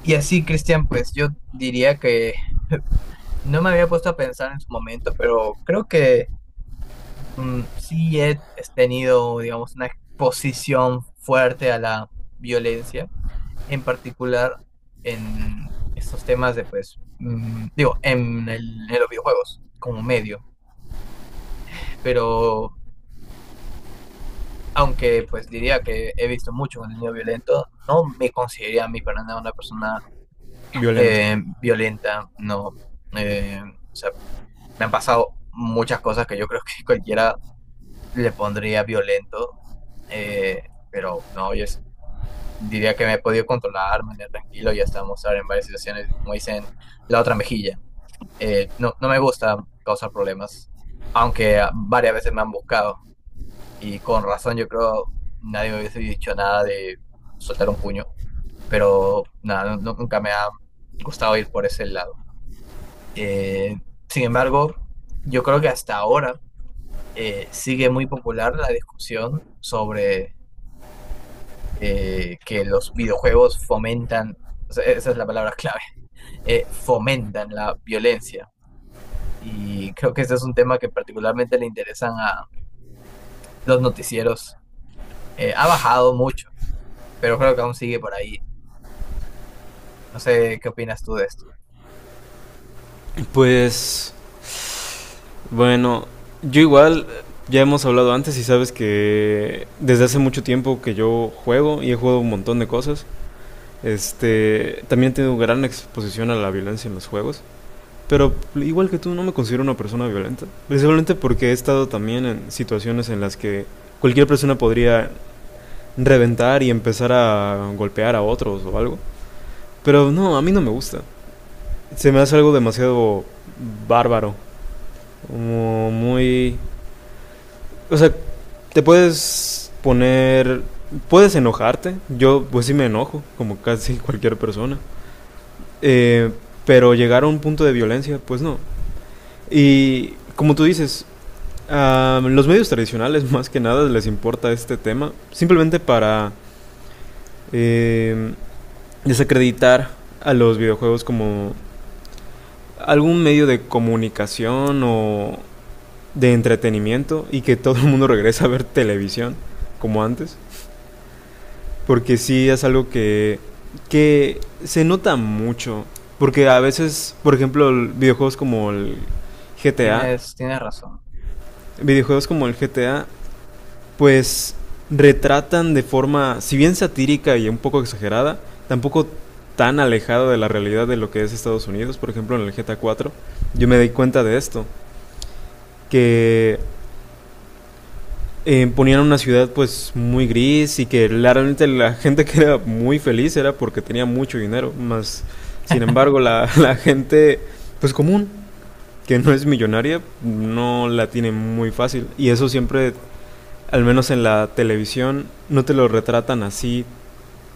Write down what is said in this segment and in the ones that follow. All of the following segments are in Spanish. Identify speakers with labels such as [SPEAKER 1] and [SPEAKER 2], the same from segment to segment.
[SPEAKER 1] Y así, Cristian, pues yo diría que no me había puesto a pensar en su momento, pero creo que sí tenido, digamos, una exposición fuerte a la violencia, en particular en estos temas de, pues, digo, en los videojuegos como medio. Pero aunque, pues, diría que he visto mucho contenido violento, no me consideraría a mí para nada una persona
[SPEAKER 2] Violento?
[SPEAKER 1] violenta, no. Eh, Me han pasado muchas cosas que yo creo que cualquiera le pondría violento, eh, pero no, diría que me he podido controlar, mantener tranquilo y hasta mostrar en varias situaciones, como dicen, la otra mejilla. No, no me gusta causar problemas, aunque varias veces me han buscado y con razón yo creo nadie me hubiese dicho nada de soltar un puño, pero nada, nunca me ha gustado ir por ese lado. Eh, Sin embargo, yo creo que hasta ahora sigue muy popular la discusión sobre que los videojuegos fomentan, o sea, esa es la palabra clave, fomentan la violencia. Y creo que ese es un tema que particularmente le interesan a los noticieros. Ha bajado mucho, pero creo que aún sigue por ahí. No sé qué opinas tú de esto.
[SPEAKER 2] Pues bueno, yo igual ya hemos hablado antes y sabes que desde hace mucho tiempo que yo juego y he jugado un montón de cosas. También tengo gran exposición a la violencia en los juegos, pero igual que tú no me considero una persona violenta, principalmente porque he estado también en situaciones en las que cualquier persona podría reventar y empezar a golpear a otros o algo, pero no, a mí no me gusta. Se me hace algo demasiado bárbaro, como muy... O sea, te puedes poner... Puedes enojarte. Yo pues sí me enojo, como casi cualquier persona. Eh, pero llegar a un punto de violencia, pues no. Y como tú dices, a los medios tradicionales más que nada les importa este tema, simplemente para eh, desacreditar a los videojuegos como algún medio de comunicación o de entretenimiento, y que todo el mundo regrese a ver televisión como antes. Porque sí es algo que se nota mucho. Porque a veces, por ejemplo, videojuegos como el GTA,
[SPEAKER 1] Tienes, tienes razón.
[SPEAKER 2] videojuegos como el GTA, pues retratan de forma, si bien satírica y un poco exagerada, tampoco tan alejada de la realidad de lo que es Estados Unidos. Por ejemplo, en el GTA 4, yo me di cuenta de esto, que ponían una ciudad pues muy gris, y que realmente la gente que era muy feliz era porque tenía mucho dinero. Más sin embargo la gente pues común, que no es millonaria, no la tiene muy fácil, y eso siempre, al menos en la televisión, no te lo retratan así,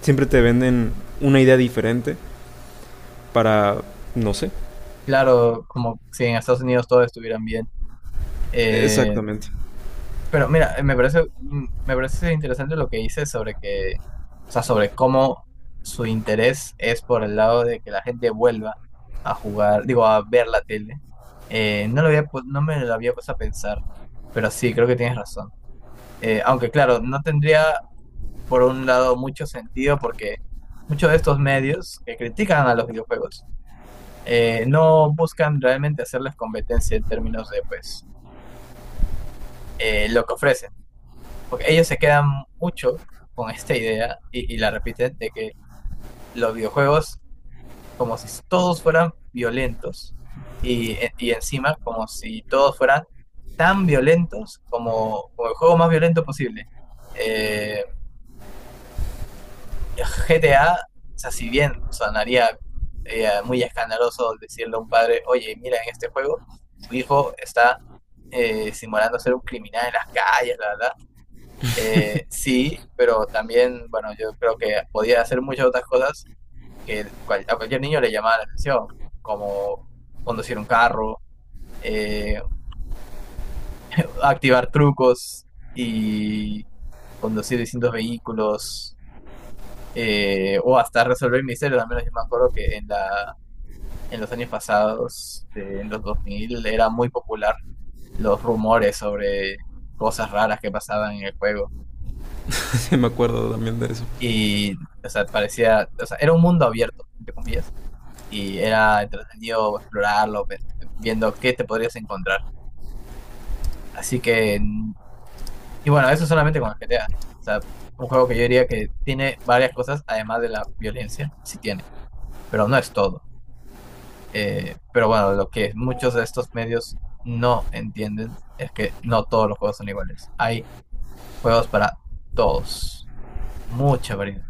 [SPEAKER 2] siempre te venden una idea diferente para, no sé,
[SPEAKER 1] Claro, como si en Estados Unidos todo estuvieran bien. Eh,
[SPEAKER 2] exactamente.
[SPEAKER 1] Pero mira, me parece, me parece interesante lo que dices sobre que, o sea, sobre cómo su interés es por el lado de que la gente vuelva a jugar, digo, a ver la tele. No lo había, no me lo había puesto a pensar, pero sí, creo que tienes razón. Aunque claro, no tendría por un lado mucho sentido porque muchos de estos medios que critican a los videojuegos no buscan realmente hacerles competencia en términos de, pues, lo que ofrecen. Porque ellos se quedan mucho con esta idea y la repiten de que los videojuegos, como si todos fueran violentos y encima como si todos fueran tan violentos como, como el juego más violento posible. Eh, GTA, o sea, si bien sonaría muy escandaloso decirle a un padre, oye, mira, en este juego tu hijo está simulando ser un criminal en las calles, la verdad. Sí, pero también, bueno, yo creo que podía hacer muchas otras cosas a cualquier niño le llamaba la atención, como conducir un carro, eh, activar trucos y conducir distintos vehículos, o hasta resolver misterios. Al menos yo me acuerdo que en los años pasados, en los 2000 era muy popular los rumores sobre cosas raras que pasaban en el juego.
[SPEAKER 2] Sí me acuerdo también de eso.
[SPEAKER 1] Y, o sea, parecía, o sea, era un mundo abierto, entre comillas, y era entretenido explorarlo, viendo qué te podrías encontrar. Así que, y bueno, eso solamente con el GTA. O sea, un juego que yo diría que tiene varias cosas, además de la violencia, sí tiene, pero no es todo. Pero bueno, lo que muchos de estos medios no entienden es que no todos los juegos son iguales. Hay juegos para todos, mucha variedad.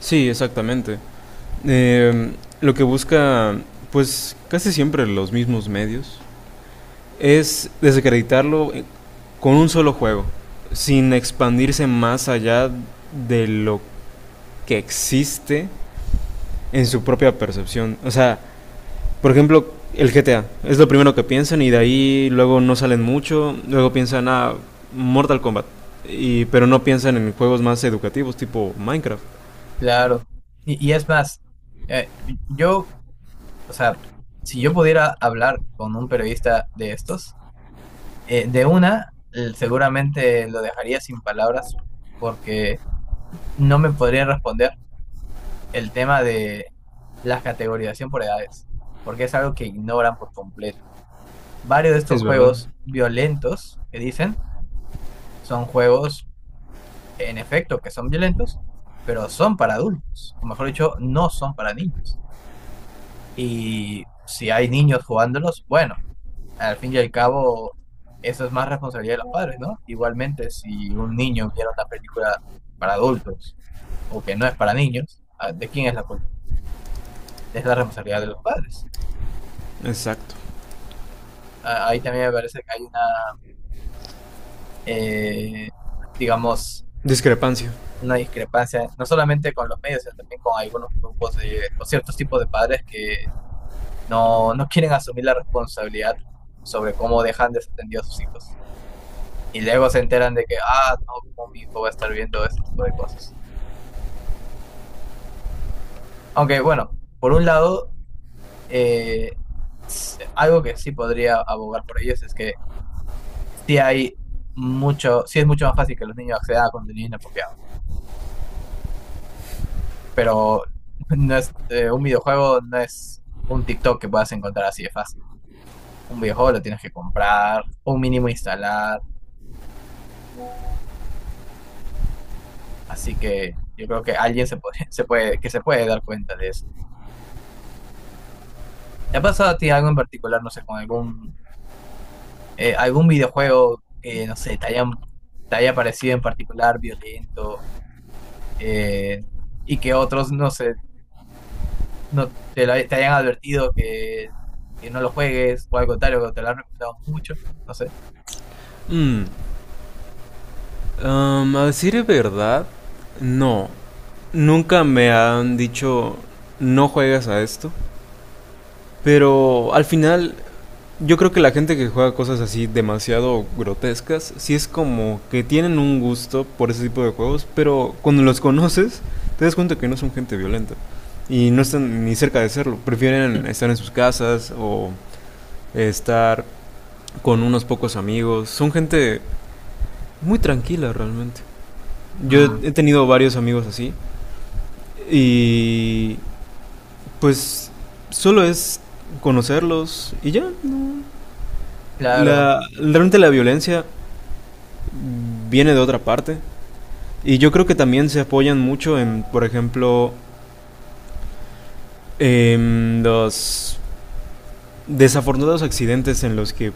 [SPEAKER 2] Sí, exactamente. eh, lo que busca, pues casi siempre los mismos medios, es desacreditarlo con un solo juego, sin expandirse más allá de lo que existe en su propia percepción. O sea, por ejemplo, el GTA es lo primero que piensan y de ahí luego no salen mucho, luego piensan a ah, Mortal Kombat, y, pero no piensan en juegos más educativos tipo Minecraft.
[SPEAKER 1] Claro. Y es más, eh, yo, o sea, si yo pudiera hablar con un periodista de estos, de una, seguramente lo dejaría sin palabras porque no me podría responder el tema de la categorización por edades, porque es algo que ignoran por completo. Varios de estos
[SPEAKER 2] Es verdad.
[SPEAKER 1] juegos violentos que dicen son juegos, en efecto, que son violentos, pero son para adultos, o mejor dicho, no son para niños. Y si hay niños jugándolos, bueno, al fin y al cabo, eso es más responsabilidad de los padres, ¿no? Igualmente, si un niño viera una película para adultos o que no es para niños, ah, ¿de quién es la culpa? Es la responsabilidad de los padres.
[SPEAKER 2] Exacto.
[SPEAKER 1] Ah, ahí también me parece que hay una, eh, digamos,
[SPEAKER 2] Discrepancia.
[SPEAKER 1] una discrepancia, no solamente con los medios, sino también con algunos grupos de, o ciertos tipos de padres que no, no quieren asumir la responsabilidad sobre cómo dejan desatendidos a sus hijos. Y luego se enteran de que, ah, no, cómo mi hijo va a estar viendo este tipo de cosas. Aunque bueno, por un lado, eh, algo que sí podría abogar por ellos es que sí hay mucho, sí es mucho más fácil que los niños accedan a contenido inapropiado, pero no es un videojuego, no es un TikTok que puedas encontrar así de fácil. Un videojuego lo tienes que comprar, un mínimo instalar, así que yo creo que alguien se puede, se puede, que se puede dar cuenta de eso. ¿Te ha pasado a ti algo en particular, no sé, con algún algún videojuego que, no sé, te haya parecido en particular violento? eh, ¿Y que otros, no sé, no te, te hayan advertido que no lo juegues, o al contrario, que te lo han recomendado mucho, no sé?
[SPEAKER 2] Mm. A decir de verdad, no. Nunca me han dicho no juegas a esto. Pero al final, yo creo que la gente que juega cosas así demasiado grotescas, sí es como que tienen un gusto por ese tipo de juegos, pero cuando los conoces, te das cuenta que no son gente violenta. Y no están ni cerca de serlo. Prefieren estar en sus casas o estar con unos pocos amigos. Son gente muy tranquila realmente. Yo
[SPEAKER 1] Mm.
[SPEAKER 2] he tenido varios amigos así. Y pues solo es conocerlos y ya.
[SPEAKER 1] Claro.
[SPEAKER 2] Realmente la violencia viene de otra parte. Y yo creo que también se apoyan mucho en, por ejemplo, en los desafortunados accidentes en los que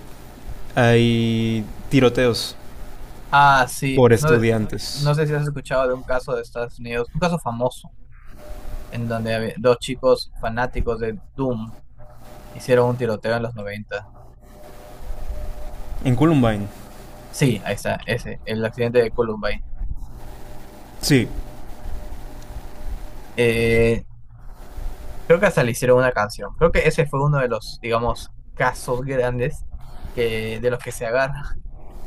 [SPEAKER 2] hay tiroteos
[SPEAKER 1] Ah, sí.
[SPEAKER 2] por
[SPEAKER 1] No, no
[SPEAKER 2] estudiantes.
[SPEAKER 1] sé si has escuchado de un caso de Estados Unidos, un caso famoso, en donde había dos chicos fanáticos de Doom, hicieron un tiroteo en los noventa.
[SPEAKER 2] En Columbine.
[SPEAKER 1] Sí, ahí está, ese, el accidente de Columbine.
[SPEAKER 2] Sí,
[SPEAKER 1] Eh, Creo que hasta le hicieron una canción. Creo que ese fue uno de los, digamos, casos grandes que, de los que se agarra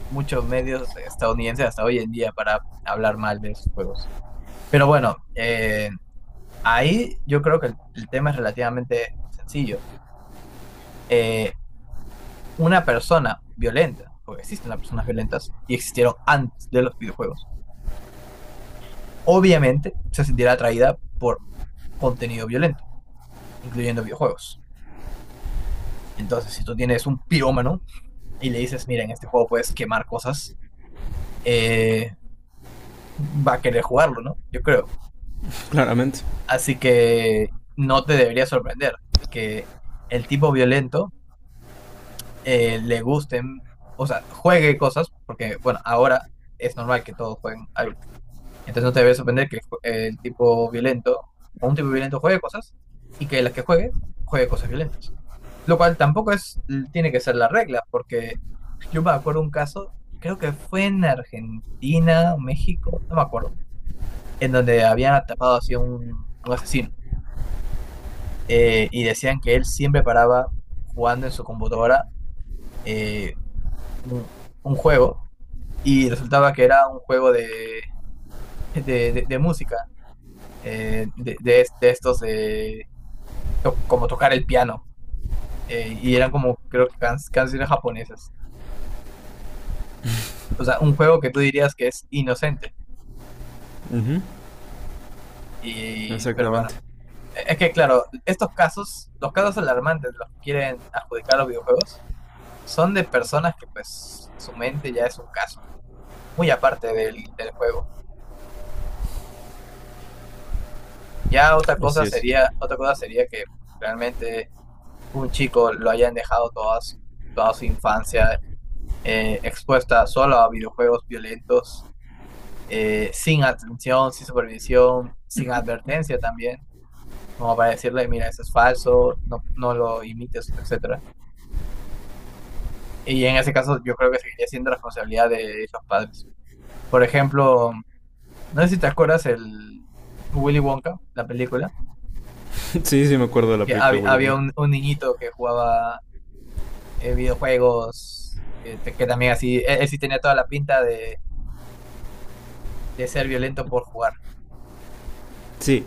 [SPEAKER 1] muchos medios estadounidenses hasta hoy en día para hablar mal de esos juegos. Pero bueno, ahí yo creo que el tema es relativamente sencillo. Eh, una persona violenta, porque existen las personas violentas y existieron antes de los videojuegos, obviamente se sentirá atraída por contenido violento, incluyendo videojuegos. Entonces, si tú tienes un pirómano y le dices, mira, en este juego puedes quemar cosas, eh, va a querer jugarlo, ¿no? Yo creo.
[SPEAKER 2] claramente.
[SPEAKER 1] Así que no te debería sorprender que el tipo violento le gusten, o sea, juegue cosas, porque bueno, ahora es normal que todos jueguen algo. Entonces no te debe sorprender que el tipo violento, o un tipo violento juegue cosas, y que las que juegue, juegue cosas violentas. Lo cual tampoco es, tiene que ser la regla, porque yo me acuerdo un caso, creo que fue en Argentina, México, no me acuerdo, en donde habían atrapado así a un asesino, y decían que él siempre paraba jugando en su computadora eh, un, un juego, y resultaba que era un juego de, de música, de, de estos de como tocar el piano, y eran como creo que canciones japonesas. O sea, un juego que tú dirías que es inocente,
[SPEAKER 2] Ujú.
[SPEAKER 1] y, pero bueno.
[SPEAKER 2] Exactamente.
[SPEAKER 1] Es que claro, estos casos, los casos alarmantes de los que quieren adjudicar los videojuegos, son de personas que pues su mente ya es un caso, muy aparte del, del juego. Ya
[SPEAKER 2] Así es.
[SPEAKER 1] otra cosa sería que realmente un chico lo hayan dejado toda su infancia expuesta solo a videojuegos violentos, sin atención, sin supervisión, sin advertencia también, como para decirle, mira, eso es falso, no, no lo imites, etcétera. Y en ese caso yo creo que seguiría siendo responsabilidad de los padres. Por ejemplo, no sé si te acuerdas el Willy Wonka, la película.
[SPEAKER 2] Sí, sí me acuerdo de la película de Willy
[SPEAKER 1] Había
[SPEAKER 2] Wonka.
[SPEAKER 1] un niñito que jugaba videojuegos, que también así, él sí tenía toda la pinta de ser violento por jugar.
[SPEAKER 2] Sí,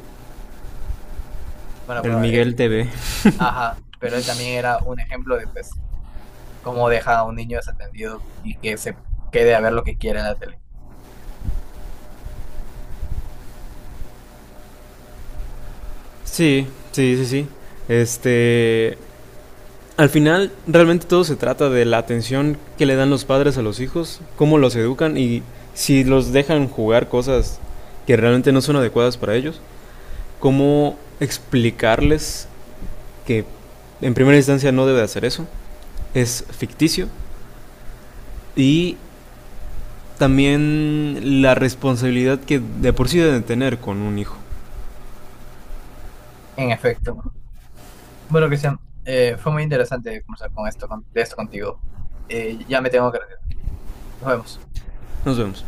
[SPEAKER 1] Bueno,
[SPEAKER 2] el Miguel TV.
[SPEAKER 1] ajá, pero él también era un ejemplo de pues cómo deja a un niño desatendido y que se quede a ver lo que quiera en la tele.
[SPEAKER 2] Sí, sí, sí, sí. Este, Al final realmente todo se trata de la atención que le dan los padres a los hijos, cómo los educan y si los dejan jugar cosas que realmente no son adecuadas para ellos, cómo explicarles que en primera instancia no debe hacer eso, es ficticio, y también la responsabilidad que de por sí deben tener con un hijo.
[SPEAKER 1] En efecto. Bueno, Cristian, fue muy interesante conversar con esto, de esto contigo. Ya me tengo que retirar. Nos vemos.
[SPEAKER 2] Nos vemos.